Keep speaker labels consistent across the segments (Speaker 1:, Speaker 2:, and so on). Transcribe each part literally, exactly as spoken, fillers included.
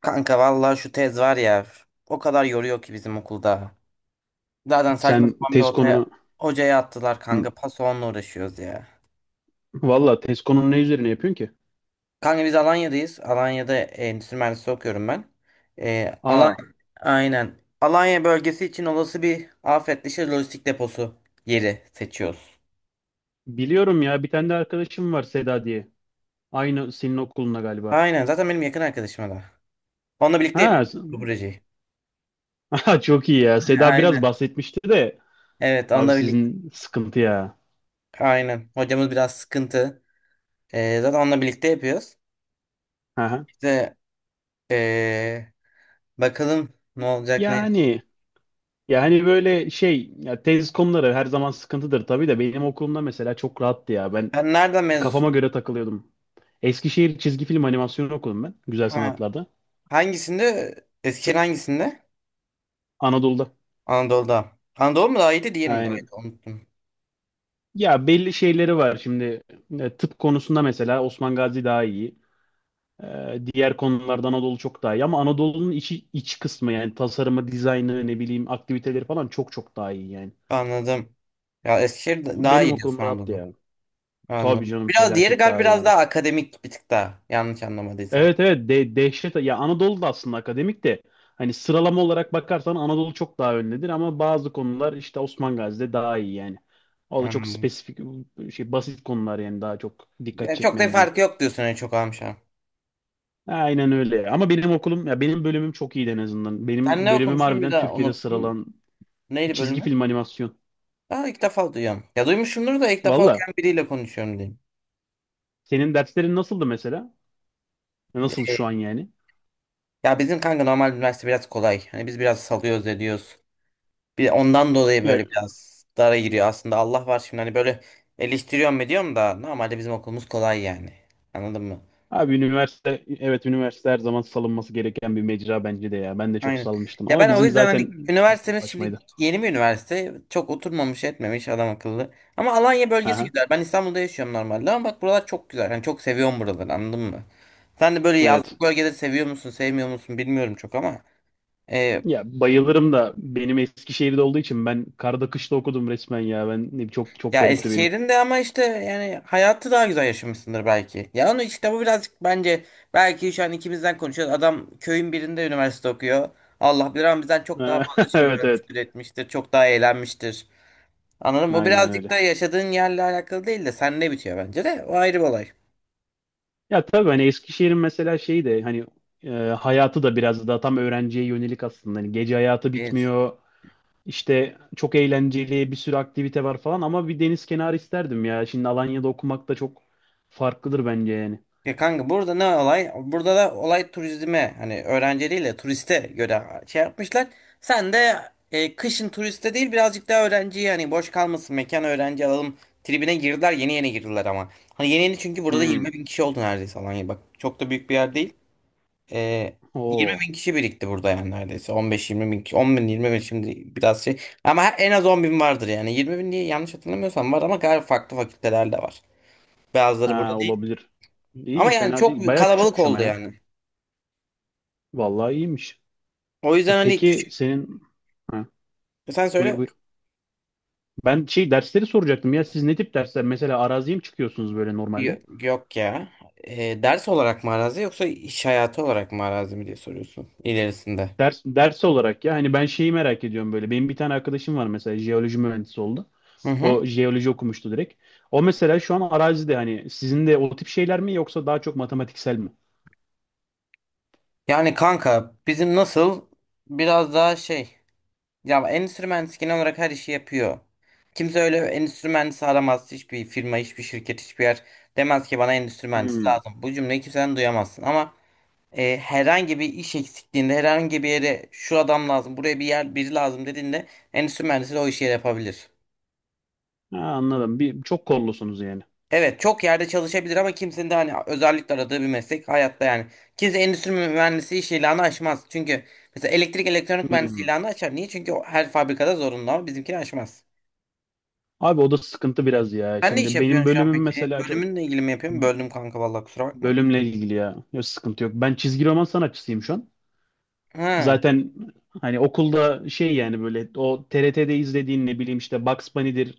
Speaker 1: Kanka vallahi şu tez var ya o kadar yoruyor ki bizim okulda. Zaten
Speaker 2: Sen
Speaker 1: saçma sapan bir
Speaker 2: tez konunu
Speaker 1: otaya, hocaya attılar
Speaker 2: Hı.
Speaker 1: kanka paso onunla uğraşıyoruz ya.
Speaker 2: Valla tez konunu ne üzerine yapıyorsun ki?
Speaker 1: Kanka biz Alanya'dayız. Alanya'da endüstri mühendisliği okuyorum ben. Ee, Alan
Speaker 2: Aa,
Speaker 1: Aynen. Alanya bölgesi için olası bir afet dışı lojistik deposu yeri seçiyoruz.
Speaker 2: biliyorum ya bir tane de arkadaşım var Seda diye. Aynı senin okulunda galiba.
Speaker 1: Aynen, zaten benim yakın arkadaşım da. Onunla birlikte
Speaker 2: Ha,
Speaker 1: yapıyoruz
Speaker 2: s-
Speaker 1: bu projeyi.
Speaker 2: aha, çok iyi ya. Seda biraz
Speaker 1: Aynen.
Speaker 2: bahsetmişti de
Speaker 1: Evet,
Speaker 2: abi
Speaker 1: onunla birlikte.
Speaker 2: sizin sıkıntı ya.
Speaker 1: Aynen. Hocamız biraz sıkıntı. Ee, zaten onunla birlikte yapıyoruz.
Speaker 2: Aha.
Speaker 1: İşte ee, bakalım ne olacak ne edecek.
Speaker 2: Yani yani böyle şey ya, tez konuları her zaman sıkıntıdır tabii de benim okulumda mesela çok rahattı ya. Ben
Speaker 1: Sen nereden
Speaker 2: kafama
Speaker 1: mezunsun?
Speaker 2: göre takılıyordum. Eskişehir çizgi film animasyon okudum ben. Güzel
Speaker 1: Ha,
Speaker 2: sanatlarda.
Speaker 1: hangisinde? Eskişehir hangisinde?
Speaker 2: Anadolu'da.
Speaker 1: Anadolu'da. Anadolu mu daha iyiydi, diyelim daha
Speaker 2: Aynen.
Speaker 1: iyiydi. Unuttum.
Speaker 2: Ya belli şeyleri var şimdi. E, tıp konusunda mesela Osman Gazi daha iyi. E, Diğer konularda Anadolu çok daha iyi, ama Anadolu'nun içi, iç kısmı yani tasarımı, dizaynı, ne bileyim aktiviteleri falan çok çok daha iyi yani.
Speaker 1: Anladım. Ya Eskişehir da- daha
Speaker 2: Benim
Speaker 1: iyi diyorsun,
Speaker 2: okulum rahattı
Speaker 1: Anadolu.
Speaker 2: ya. Tabii
Speaker 1: Anladım.
Speaker 2: canım,
Speaker 1: Biraz diğeri
Speaker 2: felaket
Speaker 1: galiba
Speaker 2: daha iyi
Speaker 1: biraz
Speaker 2: yani.
Speaker 1: daha akademik, bir tık daha. Yanlış anlamadıysam.
Speaker 2: Evet, evet, de dehşet ya. Anadolu da aslında akademik de, hani sıralama olarak bakarsan Anadolu çok daha öndedir ama bazı konular işte Osman Gazi'de daha iyi yani. O da çok
Speaker 1: Hmm.
Speaker 2: spesifik şey, basit konular yani, daha çok dikkat
Speaker 1: Yani çok da
Speaker 2: çekmeyen diyeyim.
Speaker 1: farkı yok diyorsun, en çok almışım.
Speaker 2: Aynen öyle. Ama benim okulum ya, benim bölümüm çok iyiydi en azından.
Speaker 1: Sen
Speaker 2: Benim
Speaker 1: ne
Speaker 2: bölümüm
Speaker 1: okumuştun, bir
Speaker 2: harbiden
Speaker 1: daha
Speaker 2: Türkiye'de
Speaker 1: unuttum.
Speaker 2: sıralan.
Speaker 1: Neydi
Speaker 2: Çizgi
Speaker 1: bölümü?
Speaker 2: film animasyon.
Speaker 1: Aa, ilk defa duyuyorum. Ya duymuşumdur da ilk defa
Speaker 2: Valla.
Speaker 1: okuyan biriyle konuşuyorum diyeyim.
Speaker 2: Senin derslerin nasıldı mesela? Nasıl
Speaker 1: Ee,
Speaker 2: şu an yani?
Speaker 1: Ya bizim kanka normal üniversite biraz kolay. Hani biz biraz salıyoruz ediyoruz. Bir ondan dolayı
Speaker 2: Ya
Speaker 1: böyle biraz dara giriyor. Aslında Allah var, şimdi hani böyle eleştiriyorum ediyorum da normalde bizim okulumuz kolay yani. Anladın mı?
Speaker 2: abi üniversite, evet, üniversite her zaman salınması gereken bir mecra bence de ya. Ben de çok
Speaker 1: Aynen.
Speaker 2: salmıştım
Speaker 1: Ya
Speaker 2: ama
Speaker 1: ben o
Speaker 2: bizim
Speaker 1: yüzden hani
Speaker 2: zaten okul
Speaker 1: üniversitemiz şimdi
Speaker 2: saçmaydı.
Speaker 1: yeni bir üniversite. Çok oturmamış etmemiş adam akıllı. Ama Alanya bölgesi
Speaker 2: Aha,
Speaker 1: güzel. Ben İstanbul'da yaşıyorum normalde ama bak buralar çok güzel. Yani çok seviyorum buraları, anladın mı? Sen de böyle
Speaker 2: evet.
Speaker 1: yazlık bölgeleri seviyor musun sevmiyor musun bilmiyorum çok ama.
Speaker 2: Ya bayılırım da, benim Eskişehir'de olduğu için ben karda kışta okudum resmen ya. Ben çok çok
Speaker 1: Ya
Speaker 2: garipti benim.
Speaker 1: Eskişehir'in de ama işte yani hayatı daha güzel yaşamışsındır belki. Ya onu işte bu birazcık, bence belki şu an ikimizden konuşuyoruz. Adam köyün birinde üniversite okuyor. Allah bilir ama bizden çok daha fazla şey
Speaker 2: Evet, evet.
Speaker 1: görmüştür, etmiştir. Çok daha eğlenmiştir. Anladın mı? Bu
Speaker 2: Aynen
Speaker 1: birazcık
Speaker 2: öyle.
Speaker 1: da yaşadığın yerle alakalı değil de sen ne bitiyor bence de. O ayrı bir olay.
Speaker 2: Ya tabii hani Eskişehir'in mesela şeyi de, hani e, hayatı da biraz daha tam öğrenciye yönelik aslında. Hani gece hayatı
Speaker 1: Evet.
Speaker 2: bitmiyor. İşte çok eğlenceli, bir sürü aktivite var falan, ama bir deniz kenarı isterdim ya. Şimdi Alanya'da okumak da çok farklıdır bence yani.
Speaker 1: Ya kanka burada ne olay? Burada da olay turizme, hani öğrencileriyle turiste göre şey yapmışlar. Sen de e, kışın turiste değil birazcık daha öğrenciye, hani boş kalmasın mekan öğrenci alalım tribine girdiler, yeni yeni girdiler ama. Hani yeni yeni, çünkü burada
Speaker 2: Hmm.
Speaker 1: 20 bin kişi oldu neredeyse. Alanya bak çok da büyük bir yer değil. E, 20
Speaker 2: Oo.
Speaker 1: bin kişi birikti burada yani. Neredeyse on beş yirmi bin kişi, 10 bin, 20 bin şimdi biraz şey ama her- en az 10 bin vardır yani. 20 bin diye, yanlış hatırlamıyorsam var ama galiba farklı fakültelerde var. Bazıları burada
Speaker 2: Ha,
Speaker 1: değil.
Speaker 2: olabilir.
Speaker 1: Ama
Speaker 2: İyi,
Speaker 1: yani
Speaker 2: fena değil.
Speaker 1: çok
Speaker 2: Baya
Speaker 1: kalabalık
Speaker 2: küçükmüş ama
Speaker 1: oldu
Speaker 2: ya.
Speaker 1: yani.
Speaker 2: Vallahi iyiymiş.
Speaker 1: O
Speaker 2: E,
Speaker 1: yüzden hani
Speaker 2: peki
Speaker 1: küçük.
Speaker 2: senin, ha,
Speaker 1: Sen
Speaker 2: buyur
Speaker 1: söyle.
Speaker 2: buyur. Ben şey dersleri soracaktım ya. Siz ne tip dersler? Mesela araziye mi çıkıyorsunuz böyle
Speaker 1: Yo-
Speaker 2: normalde?
Speaker 1: yok ya. Ee, ders olarak mı arazi, yoksa iş hayatı olarak mı arazi mi diye soruyorsun ilerisinde.
Speaker 2: Ders, ders olarak ya, hani ben şeyi merak ediyorum böyle. Benim bir tane arkadaşım var mesela, jeoloji mühendisi oldu.
Speaker 1: Hı hı.
Speaker 2: O jeoloji okumuştu direkt. O mesela şu an arazide, hani sizin de o tip şeyler mi yoksa daha çok matematiksel mi?
Speaker 1: Yani kanka bizim nasıl, biraz daha şey, ya endüstri mühendisi genel olarak her işi yapıyor. Kimse öyle endüstri mühendisi aramaz. Hiçbir firma, hiçbir şirket, hiçbir yer demez ki bana endüstri mühendisi
Speaker 2: Hmm.
Speaker 1: lazım. Bu cümleyi kimseden duyamazsın ama e, herhangi bir iş eksikliğinde, herhangi bir yere şu adam lazım, buraya bir yer biri lazım dediğinde, endüstri mühendisi de o işi yapabilir.
Speaker 2: Ha, anladım. Bir, çok kollusunuz yani.
Speaker 1: Evet, çok yerde çalışabilir ama kimsenin de hani özellikle aradığı bir meslek hayatta yani. Kimse endüstri mühendisi iş ilanı açmaz. Çünkü mesela elektrik elektronik mühendisi
Speaker 2: Hmm.
Speaker 1: ilanı açar. Niye? Çünkü o her fabrikada zorunlu ama bizimkini açmaz.
Speaker 2: Abi o da sıkıntı biraz ya.
Speaker 1: Sen ne iş
Speaker 2: Şimdi benim
Speaker 1: yapıyorsun şu an
Speaker 2: bölümüm
Speaker 1: peki?
Speaker 2: mesela, çok
Speaker 1: Bölümünle ilgili mi yapıyorsun? Böldüm kanka, vallahi kusura bakma.
Speaker 2: bölümle ilgili ya. Yok, sıkıntı yok. Ben çizgi roman sanatçısıyım şu an.
Speaker 1: Ha,
Speaker 2: Zaten hani okulda şey yani, böyle o T R T'de izlediğin ne bileyim, işte Bugs Bunny'dir,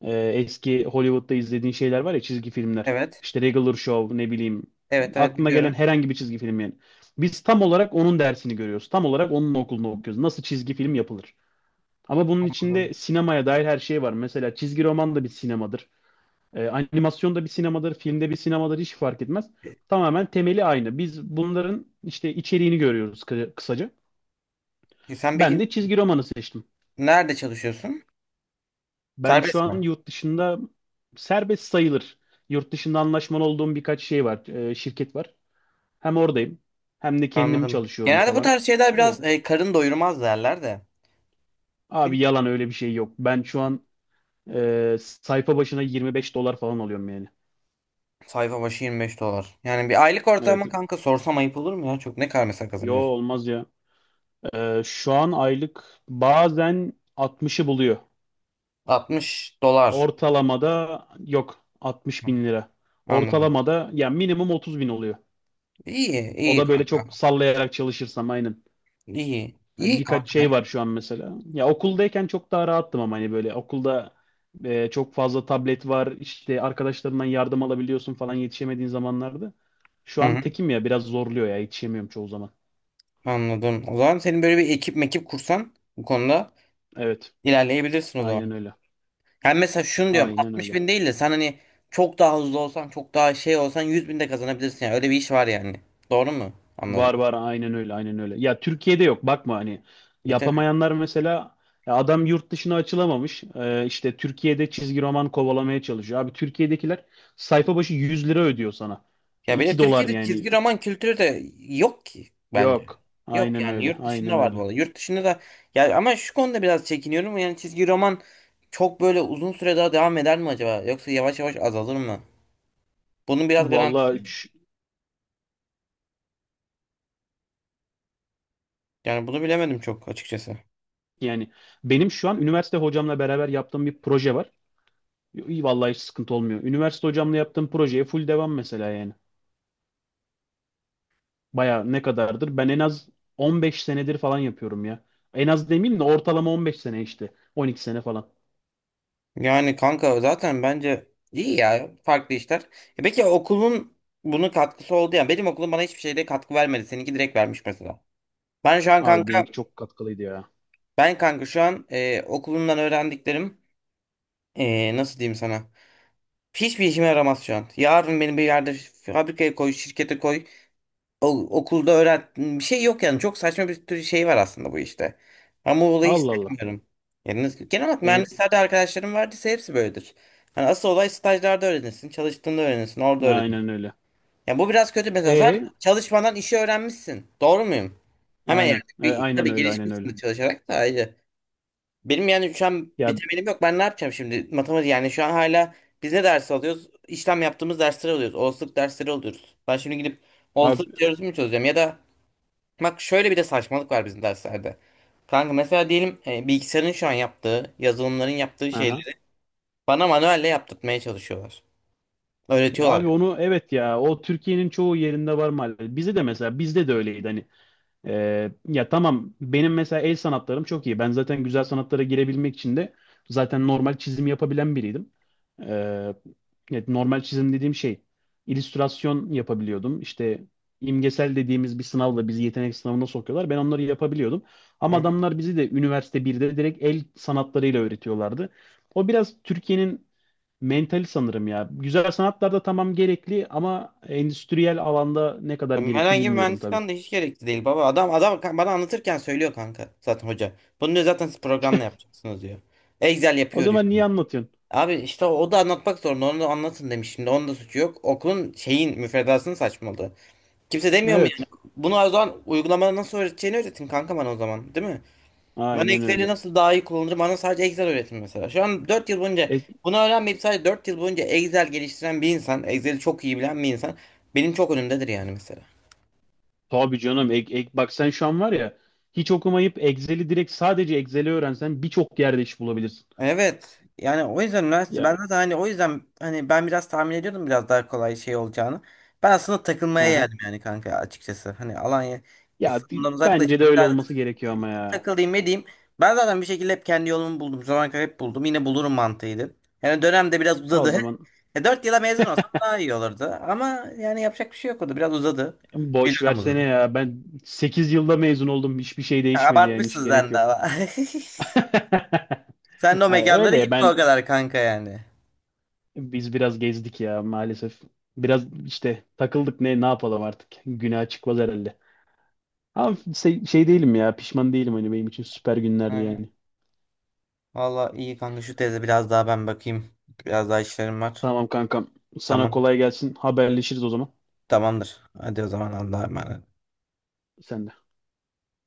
Speaker 2: e, eski Hollywood'da izlediğin şeyler var ya, çizgi filmler.
Speaker 1: evet.
Speaker 2: İşte Regular Show, ne bileyim,
Speaker 1: Evet evet,
Speaker 2: aklına gelen
Speaker 1: biliyorum.
Speaker 2: herhangi bir çizgi film yani. Biz tam olarak onun dersini görüyoruz. Tam olarak onun okulunu okuyoruz. Nasıl çizgi film yapılır? Ama bunun
Speaker 1: Anladım.
Speaker 2: içinde sinemaya dair her şey var. Mesela çizgi roman da bir sinemadır. E, animasyon da bir sinemadır. Filmde bir sinemadır. Hiç fark etmez.
Speaker 1: E,
Speaker 2: Tamamen temeli aynı. Biz bunların işte içeriğini görüyoruz, kı- kısaca.
Speaker 1: e, sen
Speaker 2: Ben
Speaker 1: peki
Speaker 2: de çizgi romanı seçtim.
Speaker 1: nerede çalışıyorsun?
Speaker 2: Ben şu
Speaker 1: Serbest mi?
Speaker 2: an yurt dışında, serbest sayılır. Yurt dışında anlaşmalı olduğum birkaç şey var, e, şirket var. Hem oradayım, hem de kendim
Speaker 1: Anladım.
Speaker 2: çalışıyorum
Speaker 1: Genelde bu
Speaker 2: falan.
Speaker 1: tarz şeyler
Speaker 2: Öyle.
Speaker 1: biraz e, karın doyurmaz derler de. Bir
Speaker 2: Abi yalan, öyle bir şey yok. Ben şu an e, sayfa başına yirmi beş dolar falan alıyorum yani.
Speaker 1: sayfa başı 25 dolar. Yani bir aylık
Speaker 2: Evet.
Speaker 1: ortalama, kanka sorsam ayıp olur mu ya? Çok ne kadar mesela
Speaker 2: Yo,
Speaker 1: kazanıyorsun?
Speaker 2: olmaz ya. E, şu an aylık bazen altmışı buluyor.
Speaker 1: 60 dolar.
Speaker 2: Ortalamada yok, altmış bin lira.
Speaker 1: Anladım.
Speaker 2: Ortalamada ya minimum otuz bin oluyor.
Speaker 1: İyi,
Speaker 2: O
Speaker 1: iyi
Speaker 2: da böyle
Speaker 1: kanka.
Speaker 2: çok sallayarak çalışırsam aynen.
Speaker 1: İyi.
Speaker 2: Hani
Speaker 1: İyi
Speaker 2: birkaç şey
Speaker 1: kanka.
Speaker 2: var şu an mesela. Ya okuldayken çok daha rahattım, ama hani böyle okulda e, çok fazla tablet var. İşte arkadaşlarından yardım alabiliyorsun falan, yetişemediğin zamanlarda. Şu
Speaker 1: Hı
Speaker 2: an
Speaker 1: hı,
Speaker 2: tekim ya, biraz zorluyor ya, yetişemiyorum çoğu zaman.
Speaker 1: anladım. O zaman senin böyle bir ekip mekip kursan bu konuda
Speaker 2: Evet.
Speaker 1: ilerleyebilirsin o zaman.
Speaker 2: Aynen öyle.
Speaker 1: Yani mesela şunu diyorum,
Speaker 2: Aynen
Speaker 1: 60
Speaker 2: öyle.
Speaker 1: bin değil de sen hani çok daha hızlı olsan, çok daha şey olsan, 100 bin de kazanabilirsin. Yani öyle bir iş var yani. Doğru mu? Anladım.
Speaker 2: Var, var, aynen öyle, aynen öyle. Ya Türkiye'de yok, bakma hani,
Speaker 1: İyi.
Speaker 2: yapamayanlar mesela, ya adam yurt dışına açılamamış. Ee, işte Türkiye'de çizgi roman kovalamaya çalışıyor. Abi Türkiye'dekiler sayfa başı yüz lira ödüyor sana.
Speaker 1: Ya bir de
Speaker 2: iki dolar
Speaker 1: Türkiye'de çizgi
Speaker 2: yani.
Speaker 1: roman kültürü de yok ki bence.
Speaker 2: Yok.
Speaker 1: Yok
Speaker 2: Aynen
Speaker 1: yani,
Speaker 2: öyle,
Speaker 1: yurt dışında
Speaker 2: aynen
Speaker 1: var bu
Speaker 2: öyle.
Speaker 1: arada. Yurt dışında da ya, ama şu konuda biraz çekiniyorum. Yani çizgi roman çok böyle uzun süre daha devam eder mi acaba? Yoksa yavaş yavaş azalır mı? Bunun biraz garantisi.
Speaker 2: Vallahi ş-
Speaker 1: Yani bunu bilemedim çok açıkçası.
Speaker 2: yani, benim şu an üniversite hocamla beraber yaptığım bir proje var. İyi, vallahi hiç sıkıntı olmuyor. Üniversite hocamla yaptığım projeye full devam mesela yani. Baya ne kadardır? Ben en az on beş senedir falan yapıyorum ya. En az demeyeyim de, ortalama on beş sene işte. on iki sene falan.
Speaker 1: Yani kanka zaten bence iyi ya, farklı işler. E peki okulun bunun katkısı oldu yani. Benim okulum bana hiçbir şeyde katkı vermedi. Seninki direkt vermiş mesela. Ben şu an
Speaker 2: Abi
Speaker 1: kanka
Speaker 2: benimki çok katkılıydı ya.
Speaker 1: ben kanka şu an e, okulumdan öğrendiklerim. Ee, nasıl diyeyim sana? Hiçbir işime yaramaz şu an. Yarın beni bir yerde fabrikaya koy, şirkete koy, o- okulda öğret. Bir şey yok yani. Çok saçma bir tür şey var aslında bu işte. Ama o olayı
Speaker 2: Allah Allah.
Speaker 1: sevmiyorum. Yani nasıl- genel olarak
Speaker 2: E,
Speaker 1: mühendislerde arkadaşlarım vardıysa hepsi böyledir. Hani asıl olay stajlarda öğrenirsin, çalıştığında öğrenirsin, orada öğrenirsin.
Speaker 2: aynen öyle.
Speaker 1: Yani bu biraz kötü mesela. Sen
Speaker 2: E,
Speaker 1: çalışmadan işi öğrenmişsin. Doğru muyum? Hemen yani.
Speaker 2: aynen. E,
Speaker 1: Bir,
Speaker 2: aynen
Speaker 1: tabii
Speaker 2: öyle, aynen öyle.
Speaker 1: gelişmişsin de çalışarak da ayrı. Benim yani şu an bir
Speaker 2: Ya
Speaker 1: temelim yok. Ben ne yapacağım şimdi? Matematik yani şu an hala biz ne ders alıyoruz? İşlem yaptığımız dersleri alıyoruz. Olasılık dersleri alıyoruz. Ben şimdi gidip
Speaker 2: abi,
Speaker 1: olasılık teorisini mi çözeceğim? Ya da bak şöyle bir de saçmalık var bizim derslerde. Kanka mesela diyelim e, bilgisayarın şu an yaptığı, yazılımların yaptığı
Speaker 2: aha.
Speaker 1: şeyleri bana manuelle yaptırtmaya çalışıyorlar.
Speaker 2: Ya
Speaker 1: Öğretiyorlar
Speaker 2: abi onu, evet ya, o Türkiye'nin çoğu yerinde var maalesef. Bize de mesela, bizde de öyleydi hani. Ee, ya tamam, benim mesela el sanatlarım çok iyi. Ben zaten güzel sanatlara girebilmek için de zaten normal çizim yapabilen biriydim. Ee, evet, normal çizim dediğim şey, illüstrasyon yapabiliyordum. İşte imgesel dediğimiz bir sınavla bizi yetenek sınavına sokuyorlar. Ben onları yapabiliyordum. Ama
Speaker 1: yani. Hı hı.
Speaker 2: adamlar bizi de üniversite birde direkt el sanatlarıyla öğretiyorlardı. O biraz Türkiye'nin mentali sanırım ya. Güzel sanatlarda tamam gerekli, ama endüstriyel alanda ne kadar gerekli
Speaker 1: Herhangi bir
Speaker 2: bilmiyorum
Speaker 1: mühendislik
Speaker 2: tabii.
Speaker 1: anı da hiç gerekli değil baba. Adam adam kan- bana anlatırken söylüyor kanka zaten hoca. Bunu diyor, zaten siz programla yapacaksınız diyor. Excel
Speaker 2: O
Speaker 1: yapıyor diyor.
Speaker 2: zaman niye anlatıyorsun?
Speaker 1: Abi işte o, o da anlatmak zorunda. Onu da anlatın demiş. Şimdi onun da suçu yok. Okulun şeyin müfredasını saçmaladı. Kimse demiyor mu yani?
Speaker 2: Evet.
Speaker 1: Bunu o zaman uygulamada nasıl öğreteceğini öğretin kanka bana o zaman. Değil mi? Ben
Speaker 2: Aynen
Speaker 1: Excel'i
Speaker 2: öyle.
Speaker 1: nasıl daha iyi kullanırım? Bana sadece Excel öğretin mesela. Şu an dört yıl boyunca
Speaker 2: E,
Speaker 1: bunu öğrenmeyip sadece dört yıl boyunca Excel geliştiren bir insan, Excel'i çok iyi bilen bir insan benim çok önümdedir yani mesela.
Speaker 2: tabii canım. Ek, ek, bak sen şu an var ya, hiç okumayıp Excel'i, direkt sadece Excel'i öğrensen birçok yerde iş bulabilirsin.
Speaker 1: Evet. Yani o yüzden üniversite ben
Speaker 2: Ya.
Speaker 1: zaten hani, o yüzden hani ben biraz tahmin ediyordum biraz daha kolay şey olacağını. Ben aslında takılmaya
Speaker 2: Aha.
Speaker 1: geldim yani kanka açıkçası. Hani Alanya,
Speaker 2: Ya di-
Speaker 1: İstanbul'dan
Speaker 2: bence de
Speaker 1: uzaklaşayım
Speaker 2: öyle
Speaker 1: biraz,
Speaker 2: olması gerekiyor ama ya.
Speaker 1: takılayım edeyim. Ben zaten bir şekilde hep kendi yolumu buldum. Zaman kadar hep buldum. Yine bulurum mantığıydı. Yani dönem de biraz
Speaker 2: O
Speaker 1: uzadı.
Speaker 2: zaman
Speaker 1: E, 4 yıla mezun olsam daha iyi olurdu. Ama yani yapacak bir şey yok, o da biraz uzadı. Bir
Speaker 2: boş
Speaker 1: dönem
Speaker 2: versene
Speaker 1: uzadı.
Speaker 2: ya. Ben sekiz yılda mezun oldum. Hiçbir şey değişmedi yani. Hiç
Speaker 1: Abartmışsın
Speaker 2: gerek
Speaker 1: sen de
Speaker 2: yok.
Speaker 1: ama. Sen de o
Speaker 2: Ay,
Speaker 1: mekanlara
Speaker 2: öyle
Speaker 1: gitme o
Speaker 2: ben
Speaker 1: kadar kanka yani.
Speaker 2: biz biraz gezdik ya maalesef. Biraz işte takıldık, ne ne yapalım artık. Günah çıkmaz herhalde. Ama şey, şey değilim ya, pişman değilim, hani benim için süper günlerdi yani.
Speaker 1: Valla iyi kanka, şu teze biraz daha ben bakayım. Biraz daha işlerim var.
Speaker 2: Tamam kankam, sana
Speaker 1: Tamam.
Speaker 2: kolay gelsin, haberleşiriz o zaman.
Speaker 1: Tamamdır. Hadi o zaman Allah'a emanet.
Speaker 2: Sen de.